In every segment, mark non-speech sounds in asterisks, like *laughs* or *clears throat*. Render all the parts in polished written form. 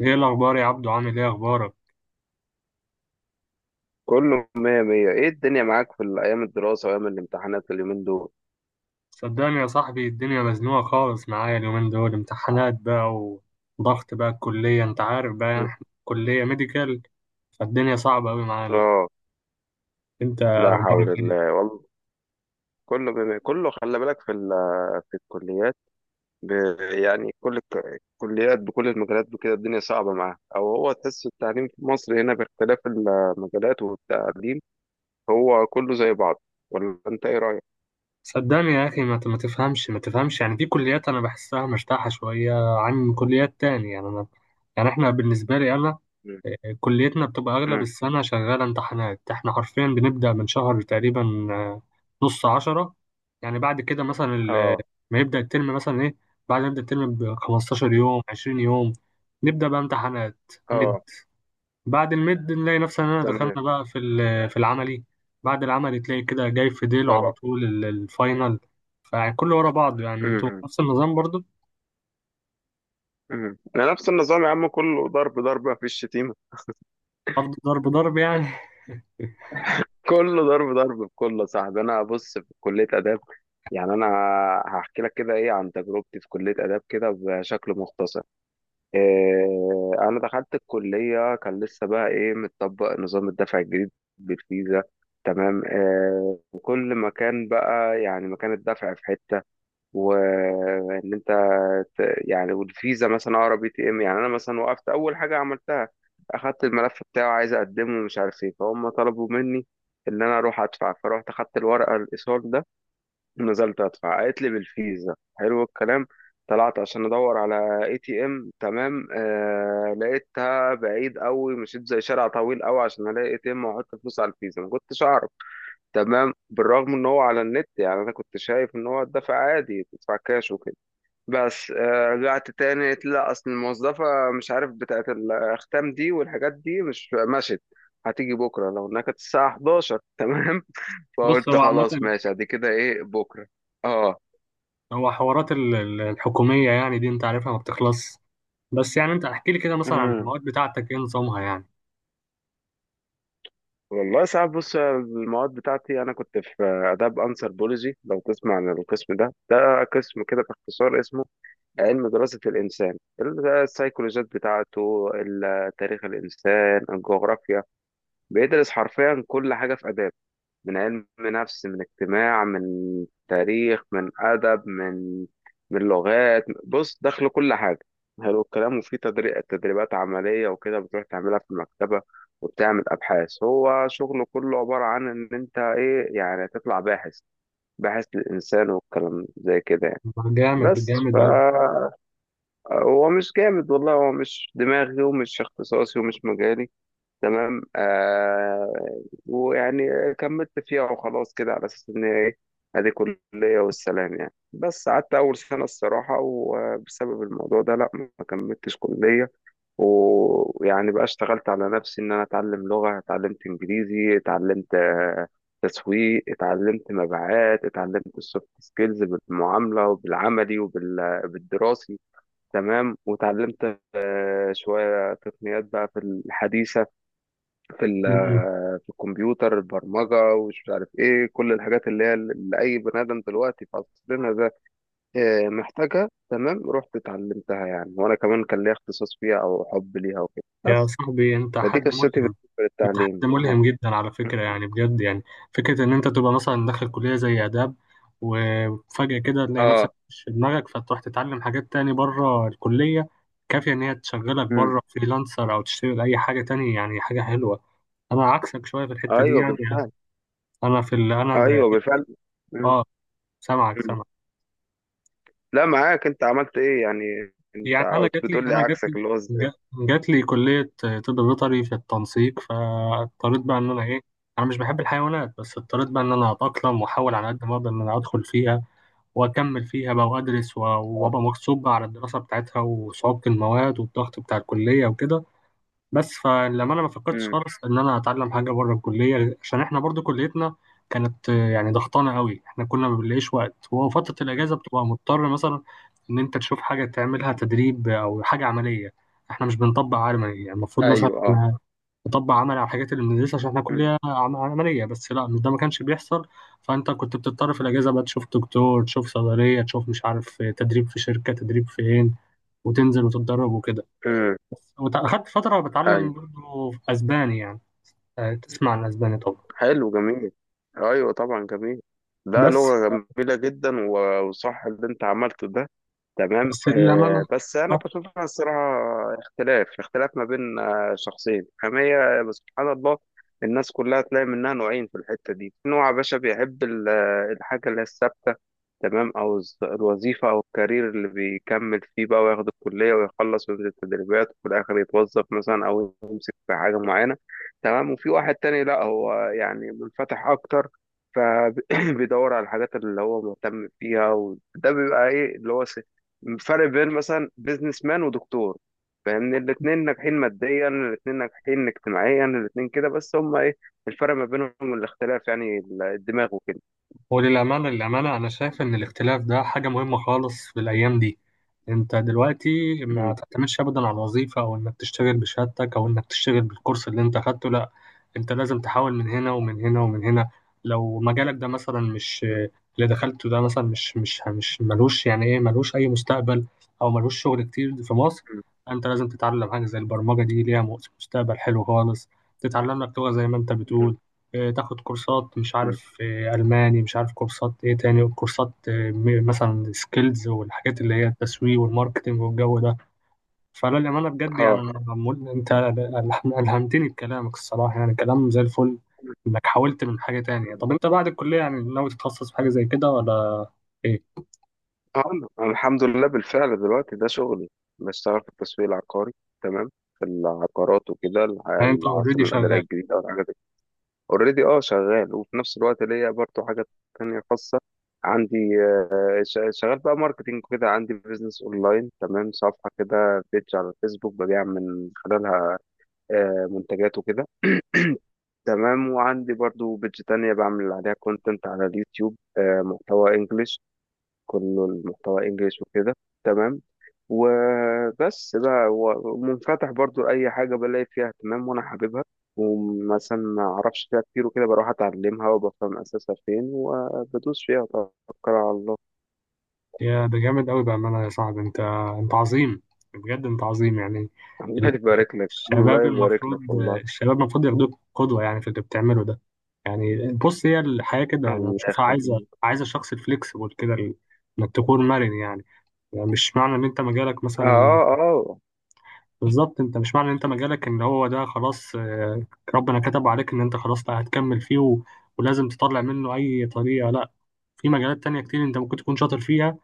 ايه الاخبار يا عبدو؟ عامل ايه اخبارك؟ كله مية مية، ايه الدنيا معاك في ايام الدراسة وايام الامتحانات اليومين دول؟ صدقني يا صاحبي الدنيا مزنوقه خالص معايا اليومين دول، امتحانات بقى وضغط بقى الكليه، انت عارف بقى، يعني مم. احنا كليه ميديكال، فالدنيا صعبه قوي معانا. اه. انت لا اخبارك حول ايه؟ الله والله. كله خلي بالك في في الكليات. ب... يعني كل الكليات بكل المجالات بكده الدنيا صعبة معاها، او هو تحس التعليم في مصر هنا باختلاف المجالات والتعليم هو كله زي بعض؟ ولا انت ايه رأيك؟ صدقني يا اخي، ما تفهمش يعني. في كليات انا بحسها مرتاحه شويه عن كليات تانية، يعني انا، يعني احنا بالنسبه لي انا، مم. كليتنا بتبقى أغلب مم. السنة شغالة امتحانات. احنا حرفيا بنبدأ من شهر تقريبا، آه، نص عشرة. يعني بعد كده مثلا اه. ما يبدأ الترم مثلا ايه، بعد ما يبدأ الترم ب 15 مم. يوم، 20 يوم، نبدأ بقى امتحانات مد. اه. بعد المد نلاقي نفسنا إننا دخلنا تمام. بقى في العملي. بعد العملي تلاقي كده جاي في ديله على اه. طول الفاينل، فكله ورا بعض. يعني انتوا مم. نفس النظام برضو؟ مم. انا نفس النظام يا عم، كله ضرب ضرب مفيش شتيمة. برضو ضرب ضرب يعني. *laughs* كله ضرب ضرب بكله يا صاحبي. انا بص في كليه اداب، يعني انا هحكي لك كده ايه عن تجربتي في كليه اداب كده بشكل مختصر. إيه، انا دخلت الكليه كان لسه بقى ايه متطبق نظام الدفع الجديد بالفيزا. تمام. إيه وكل مكان بقى يعني مكان الدفع في حته، وان انت يعني والفيزا مثلا اقرب اي تي ام. يعني انا مثلا وقفت اول حاجه عملتها اخدت الملف بتاعه، عايز اقدمه ومش عارف ايه، فهم طلبوا مني ان انا اروح ادفع. فرحت اخدت الورقه الايصال ده ونزلت ادفع، قالت لي بالفيزا. حلو الكلام. طلعت عشان ادور على اي تي ام، تمام؟ آه، لقيتها بعيد قوي، مشيت زي شارع طويل قوي عشان الاقي اي تي ام واحط فلوس على الفيزا، ما كنتش اعرف. تمام، بالرغم ان هو على النت، يعني انا كنت شايف ان هو الدفع عادي تدفع كاش وكده. بس رجعت تاني قلت لا، اصل الموظفة مش عارف بتاعت الاختام دي والحاجات دي، مش مشت. هتيجي بكرة لو انها كانت الساعة 11. تمام. *laughs* بص، فقلت هو خلاص عامة، ماشي ادي كده ايه بكرة. اه. هو حوارات الحكومية يعني دي انت عارفها، ما بتخلص. بس يعني انت احكي لي كده مثلا عن امم المواد بتاعتك ايه نظامها يعني. والله ساعات. بص المواد بتاعتي، انا كنت في اداب انثروبولوجي. لو تسمع عن القسم ده، ده قسم كده باختصار اسمه علم دراسة الانسان. السايكولوجيات بتاعته، تاريخ الانسان، الجغرافيا، بيدرس حرفيا كل حاجة في اداب. من علم نفس، من اجتماع، من تاريخ، من أدب، من من لغات، بص دخل كل حاجة. حلو الكلام. وفي تدريبات عملية وكده، بتروح تعملها في المكتبة وبتعمل أبحاث. هو شغله كله عبارة عن إن أنت إيه يعني تطلع باحث، باحث للإنسان والكلام زي كده يعني. جامد، بس جامد اوي. فهو مش جامد والله، هو مش دماغي ومش اختصاصي ومش مجالي. تمام. آه، ويعني كملت فيها وخلاص كده على اساس ان هي ايه، ادي كلية والسلام يعني. بس قعدت اول سنة الصراحة، وبسبب الموضوع ده لا ما كملتش كلية. ويعني بقى اشتغلت على نفسي ان انا اتعلم لغة. اتعلمت انجليزي، اتعلمت تسويق، اتعلمت مبيعات، اتعلمت السوفت سكيلز بالمعاملة وبالعملي وبالدراسي. تمام. وتعلمت شوية تقنيات بقى في الحديثة، في م- م. في الكمبيوتر، البرمجة، ومش عارف ايه، كل الحاجات اللي هي اللي أي بني آدم دلوقتي في عصرنا ده محتاجها. تمام، رحت اتعلمتها يعني، وأنا كمان كان ليا اختصاص فيها أو حب ليها وكده. يا بس صاحبي انت فدي حد قصتي ملهم، بالنسبة انت حد للتعليم. اه. ملهم جدا على فكرة، يعني بجد يعني. فكرة ان انت تبقى مثلا داخل كلية زي آداب وفجأة كده تلاقي نفسك اه. مش في دماغك، فتروح تتعلم حاجات تاني بره الكلية كافية ان هي تشغلك مم. بره فريلانسر او تشتغل اي حاجة تاني، يعني حاجة حلوة. انا عكسك شوية في الحتة دي ايوه يعني. بالفعل. انا انا ده. ايوه بالفعل. مم. اه، سامعك مم. سامعك. لا معاك، انت عملت ايه يعني؟ انت يعني كنت بتقول لي انا جات لي، عكسك اللي هو ازاي؟ جات لي كليه طب بيطري في التنسيق، فاضطريت بقى ان انا ايه، انا مش بحب الحيوانات، بس اضطريت بقى ان انا اتاقلم واحاول على قد ما اقدر ان انا ادخل فيها واكمل فيها بقى وادرس اه. وابقى مغصوب بقى على الدراسه بتاعتها وصعوبه المواد والضغط بتاع الكليه وكده. بس فلما انا ما فكرتش مم. خالص ان انا اتعلم حاجه بره الكليه، عشان احنا برضو كليتنا كانت يعني ضغطانه قوي. احنا كنا ما بنلاقيش وقت، وفتره مم. الاجازه بتبقى مضطر مثلا ان انت تشوف حاجه تعملها تدريب او حاجه عمليه. احنا مش بنطبق عملي. يعني المفروض مثلا ايوه. اه. إحنا نطبق عملي على الحاجات اللي بندرسها عشان احنا مم. عمليه، بس لا، مش ده، ما كانش بيحصل. فانت كنت بتضطر في الاجازه بقى تشوف دكتور، تشوف صيدليه، تشوف مش عارف تدريب في شركه، تدريب فين، وتنزل وتتدرب وكده. مم. بس أخدت فترة بتعلم ايوه. برضه أسباني يعني. تسمع عن أسباني طبعا. حلو، جميل. ايوه طبعا، جميل. لا بس لغة جميلة جدا، وصح اللي انت عملته ده. تمام. بس للأمانة، آه، بس انا بشوفها الصراحه اختلاف، اختلاف ما بين شخصين. أما هي بس سبحان الله، الناس كلها تلاقي منها نوعين في الحته دي. في نوع يا باشا بيحب الحاجه اللي هي الثابته، تمام، او الوظيفه او الكارير اللي بيكمل فيه بقى، وياخد الكليه ويخلص وينزل تدريبات وفي الاخر يتوظف مثلا او يمسك في حاجه معينه. تمام. وفي واحد تاني لا، هو يعني منفتح اكتر، فبيدور *coughs* *clears throat* على الحاجات اللي هو مهتم فيها. وده بيبقى ايه اللي هو فرق بين مثلا بيزنس مان ودكتور. فاهمني؟ الاتنين ناجحين ماديا، الاتنين ناجحين اجتماعيا، الاتنين كده، بس هما ايه الفرق ما بينهم؟ الاختلاف يعني الدماغ وكده. وللأمانة، للأمانة للأمانة أنا شايف إن الاختلاف ده حاجة مهمة خالص في الأيام دي. أنت دلوقتي ما م- تعتمدش أبدا على الوظيفة أو إنك تشتغل بشهادتك أو إنك تشتغل بالكورس اللي أنت أخدته، لأ. أنت لازم تحاول من هنا ومن هنا ومن هنا. لو مجالك ده مثلا مش، م- اللي دخلته ده مثلا مش ملوش يعني إيه، ملوش أي مستقبل أو ملوش شغل كتير في مصر. م- أنت لازم تتعلم حاجة زي البرمجة، دي ليها مستقبل حلو خالص. تتعلم لك لغة زي ما أنت بتقول، م- تاخد كورسات مش م. عارف ألماني، مش عارف كورسات إيه تاني، وكورسات مثلا سكيلز والحاجات اللي هي التسويق والماركتينج والجو ده. فلا، للأمانة بجد يعني، اه. أنا عمول، أنت ألهمتني بكلامك الصراحة، يعني كلام زي الفل. إنك حاولت من حاجة تانية. طب أنت بعد الكلية يعني ناوي تتخصص في حاجة زي كده ولا إيه؟ آه، أنا الحمد لله بالفعل دلوقتي ده شغلي. بشتغل في التسويق العقاري. تمام. في العقارات وكده، يعني أنت أوريدي العاصمة الإدارية شغال. الجديدة والحاجات دي. اوريدي اه شغال. وفي نفس الوقت ليا برضه حاجات تانية خاصة عندي. شغال بقى ماركتينج كده، عندي بيزنس اونلاين. تمام. صفحه كده بيج على الفيسبوك، ببيع من خلالها منتجات وكده. تمام. وعندي برضو بيج تانية، بعمل عليها كونتنت على اليوتيوب، محتوى انجليش. كله المحتوى انجليش وكده. تمام. وبس بقى، ومنفتح برضو لأي حاجة بلاقي فيها اهتمام وأنا حاببها. ومثلا ما أعرفش فيها كتير وكده، بروح أتعلمها وبفهم أساسها فين وبدوس فيها وتوكل على الله. يا ده جامد أوي بأمانة. يا صاحبي أنت، أنت عظيم، بجد أنت عظيم يعني. الله يبارك لك، الله الشباب يبارك لك المفروض، والله. الشباب المفروض ياخدوك قدوة يعني في اللي بتعمله ده. يعني بص، هي الحياة كده، يعني أنا الله بشوفها عايزة، يخليك. عايزة شخص فليكسبل كده، إنك تكون مرن يعني. يعني مش معنى إن أنت مجالك مثلا اه. اه. بالظبط، أنت مش معنى إن أنت مجالك إن هو ده خلاص، ربنا كتب عليك إن أنت خلاص لا هتكمل فيه و... ولازم تطلع منه أي طريقة، لا. في مجالات تانية كتير أنت ممكن تكون شاطر فيها،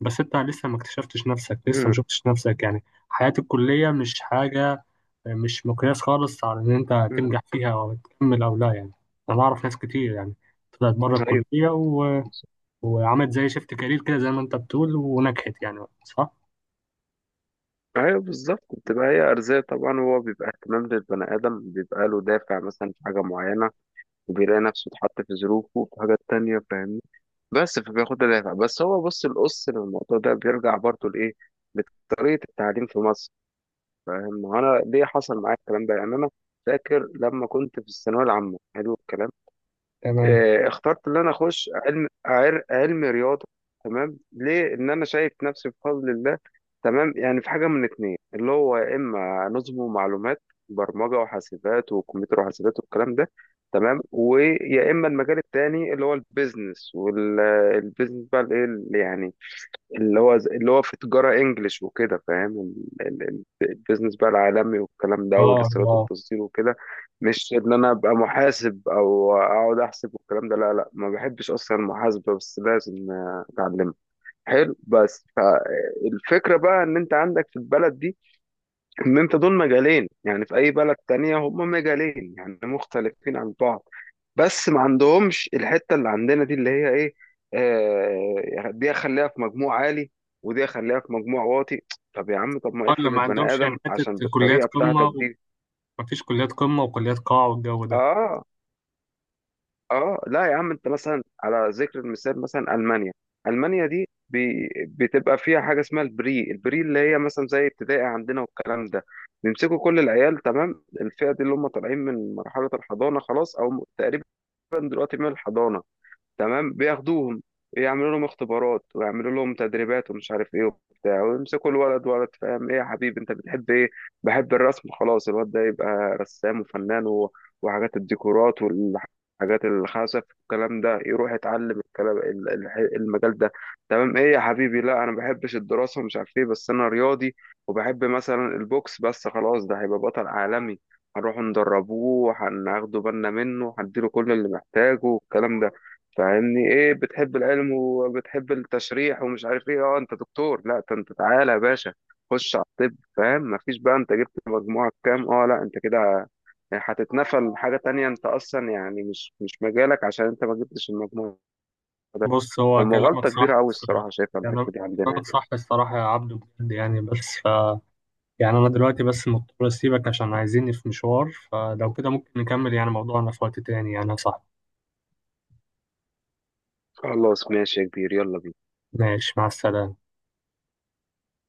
بس أنت لسه ما اكتشفتش نفسك، لسه ما أمم، شفتش نفسك يعني. حياة الكلية مش حاجة، مش مقياس خالص على إن أنت أمم. هتنجح فيها أو هتكمل أو لا يعني. أنا أعرف ناس كتير يعني طلعت بره ايوه الكلية و... بالظبط. وعملت زي شيفت كارير كده زي ما أنت بتقول ونجحت، يعني صح؟ ايوه بالظبط. بتبقى هي ارزاق طبعا، وهو بيبقى اهتمام للبني ادم بيبقى له دافع مثلا في حاجه معينه، وبيلاقي نفسه اتحط في ظروفه في حاجات تانية، فاهمني؟ بس فبياخد الدافع. بس هو بص، القص للموضوع ده بيرجع برضه لايه؟ لطريقه التعليم في مصر. فاهم انا ليه حصل معايا الكلام ده؟ يعني انا فاكر لما كنت في الثانويه العامه، حلو الكلام، تمام. آه، اخترت ان انا اخش علم رياضه. تمام. ليه؟ ان انا شايف نفسي بفضل الله، تمام، يعني في حاجه من اتنين. اللي هو يا اما نظم ومعلومات، برمجه وحاسبات وكمبيوتر وحاسبات والكلام ده. تمام. ويا اما المجال التاني اللي هو البيزنس. والبيزنس بقى الايه اللي يعني، اللي هو اللي هو في تجارة انجلش وكده، فاهم البيزنس بقى العالمي والكلام ده، أه، والاستيراد أه، والتصدير وكده. مش ان انا ابقى محاسب او اقعد احسب والكلام ده، لا لا، ما بحبش اصلا المحاسبة، بس لازم اتعلمها. حلو. بس فالفكرة بقى ان انت عندك في البلد دي، ان انت دول مجالين، يعني في اي بلد تانية هما مجالين يعني مختلفين عن بعض، بس ما عندهمش الحته اللي عندنا دي اللي هي ايه؟ آه، دي اخليها في مجموع عالي ودي اخليها في مجموع واطي. طب يا عم، طب ما اللي افرض ما البني عندهمش يعني ادم حتة عشان كليات بالطريقه بتاعتك قمة، دي. ومفيش كليات قمة وكليات قاع والجو ده. اه. اه لا يا عم، انت مثلا على ذكر المثال مثلا المانيا. المانيا دي بي بتبقى فيها حاجه اسمها البري، البري اللي هي مثلا زي ابتدائي عندنا والكلام ده. بيمسكوا كل العيال، تمام، الفئه دي اللي هم طالعين من مرحله الحضانه خلاص او تقريبا دلوقتي من الحضانه. تمام. بياخدوهم يعملوا لهم اختبارات ويعملوا لهم تدريبات ومش عارف ايه وبتاع، ويمسكوا الولد ولد فاهم، ايه يا حبيبي انت بتحب ايه؟ بحب الرسم. خلاص الواد ده يبقى رسام وفنان و... وحاجات الديكورات والحاجات الخزف والكلام ده، يروح يتعلم الكلام المجال ده. تمام. ايه يا حبيبي؟ لا انا ما بحبش الدراسة ومش عارف ايه، بس انا رياضي وبحب مثلا البوكس. بس خلاص، ده هيبقى بطل عالمي، هنروح ندربوه، هناخده بالنا منه، هنديله كل اللي محتاجه والكلام ده. فاهمني؟ ايه بتحب العلم وبتحب التشريح ومش عارف ايه؟ اه انت دكتور. لا ده انت تعالى يا باشا خش على الطب. فاهم؟ مفيش بقى انت جبت مجموعة كام، اه لا انت كده هتتنفل حاجة تانية، انت اصلا يعني مش مجالك عشان انت ما جبتش المجموع ده. بص، هو كلامك فمغالطة صح كبيرة قوي الصراحة، الصراحة شايفها كلام- الحتة دي عندنا يعني. كلامك صح الصراحة يا عبدو، بجد يعني. بس ف... يعني أنا دلوقتي بس مضطر أسيبك عشان عايزيني في مشوار، فلو كده ممكن نكمل يعني موضوعنا في وقت تاني، يعني صح؟ خلاص ماشي يا كبير، يلا بينا. ماشي، مع السلامة.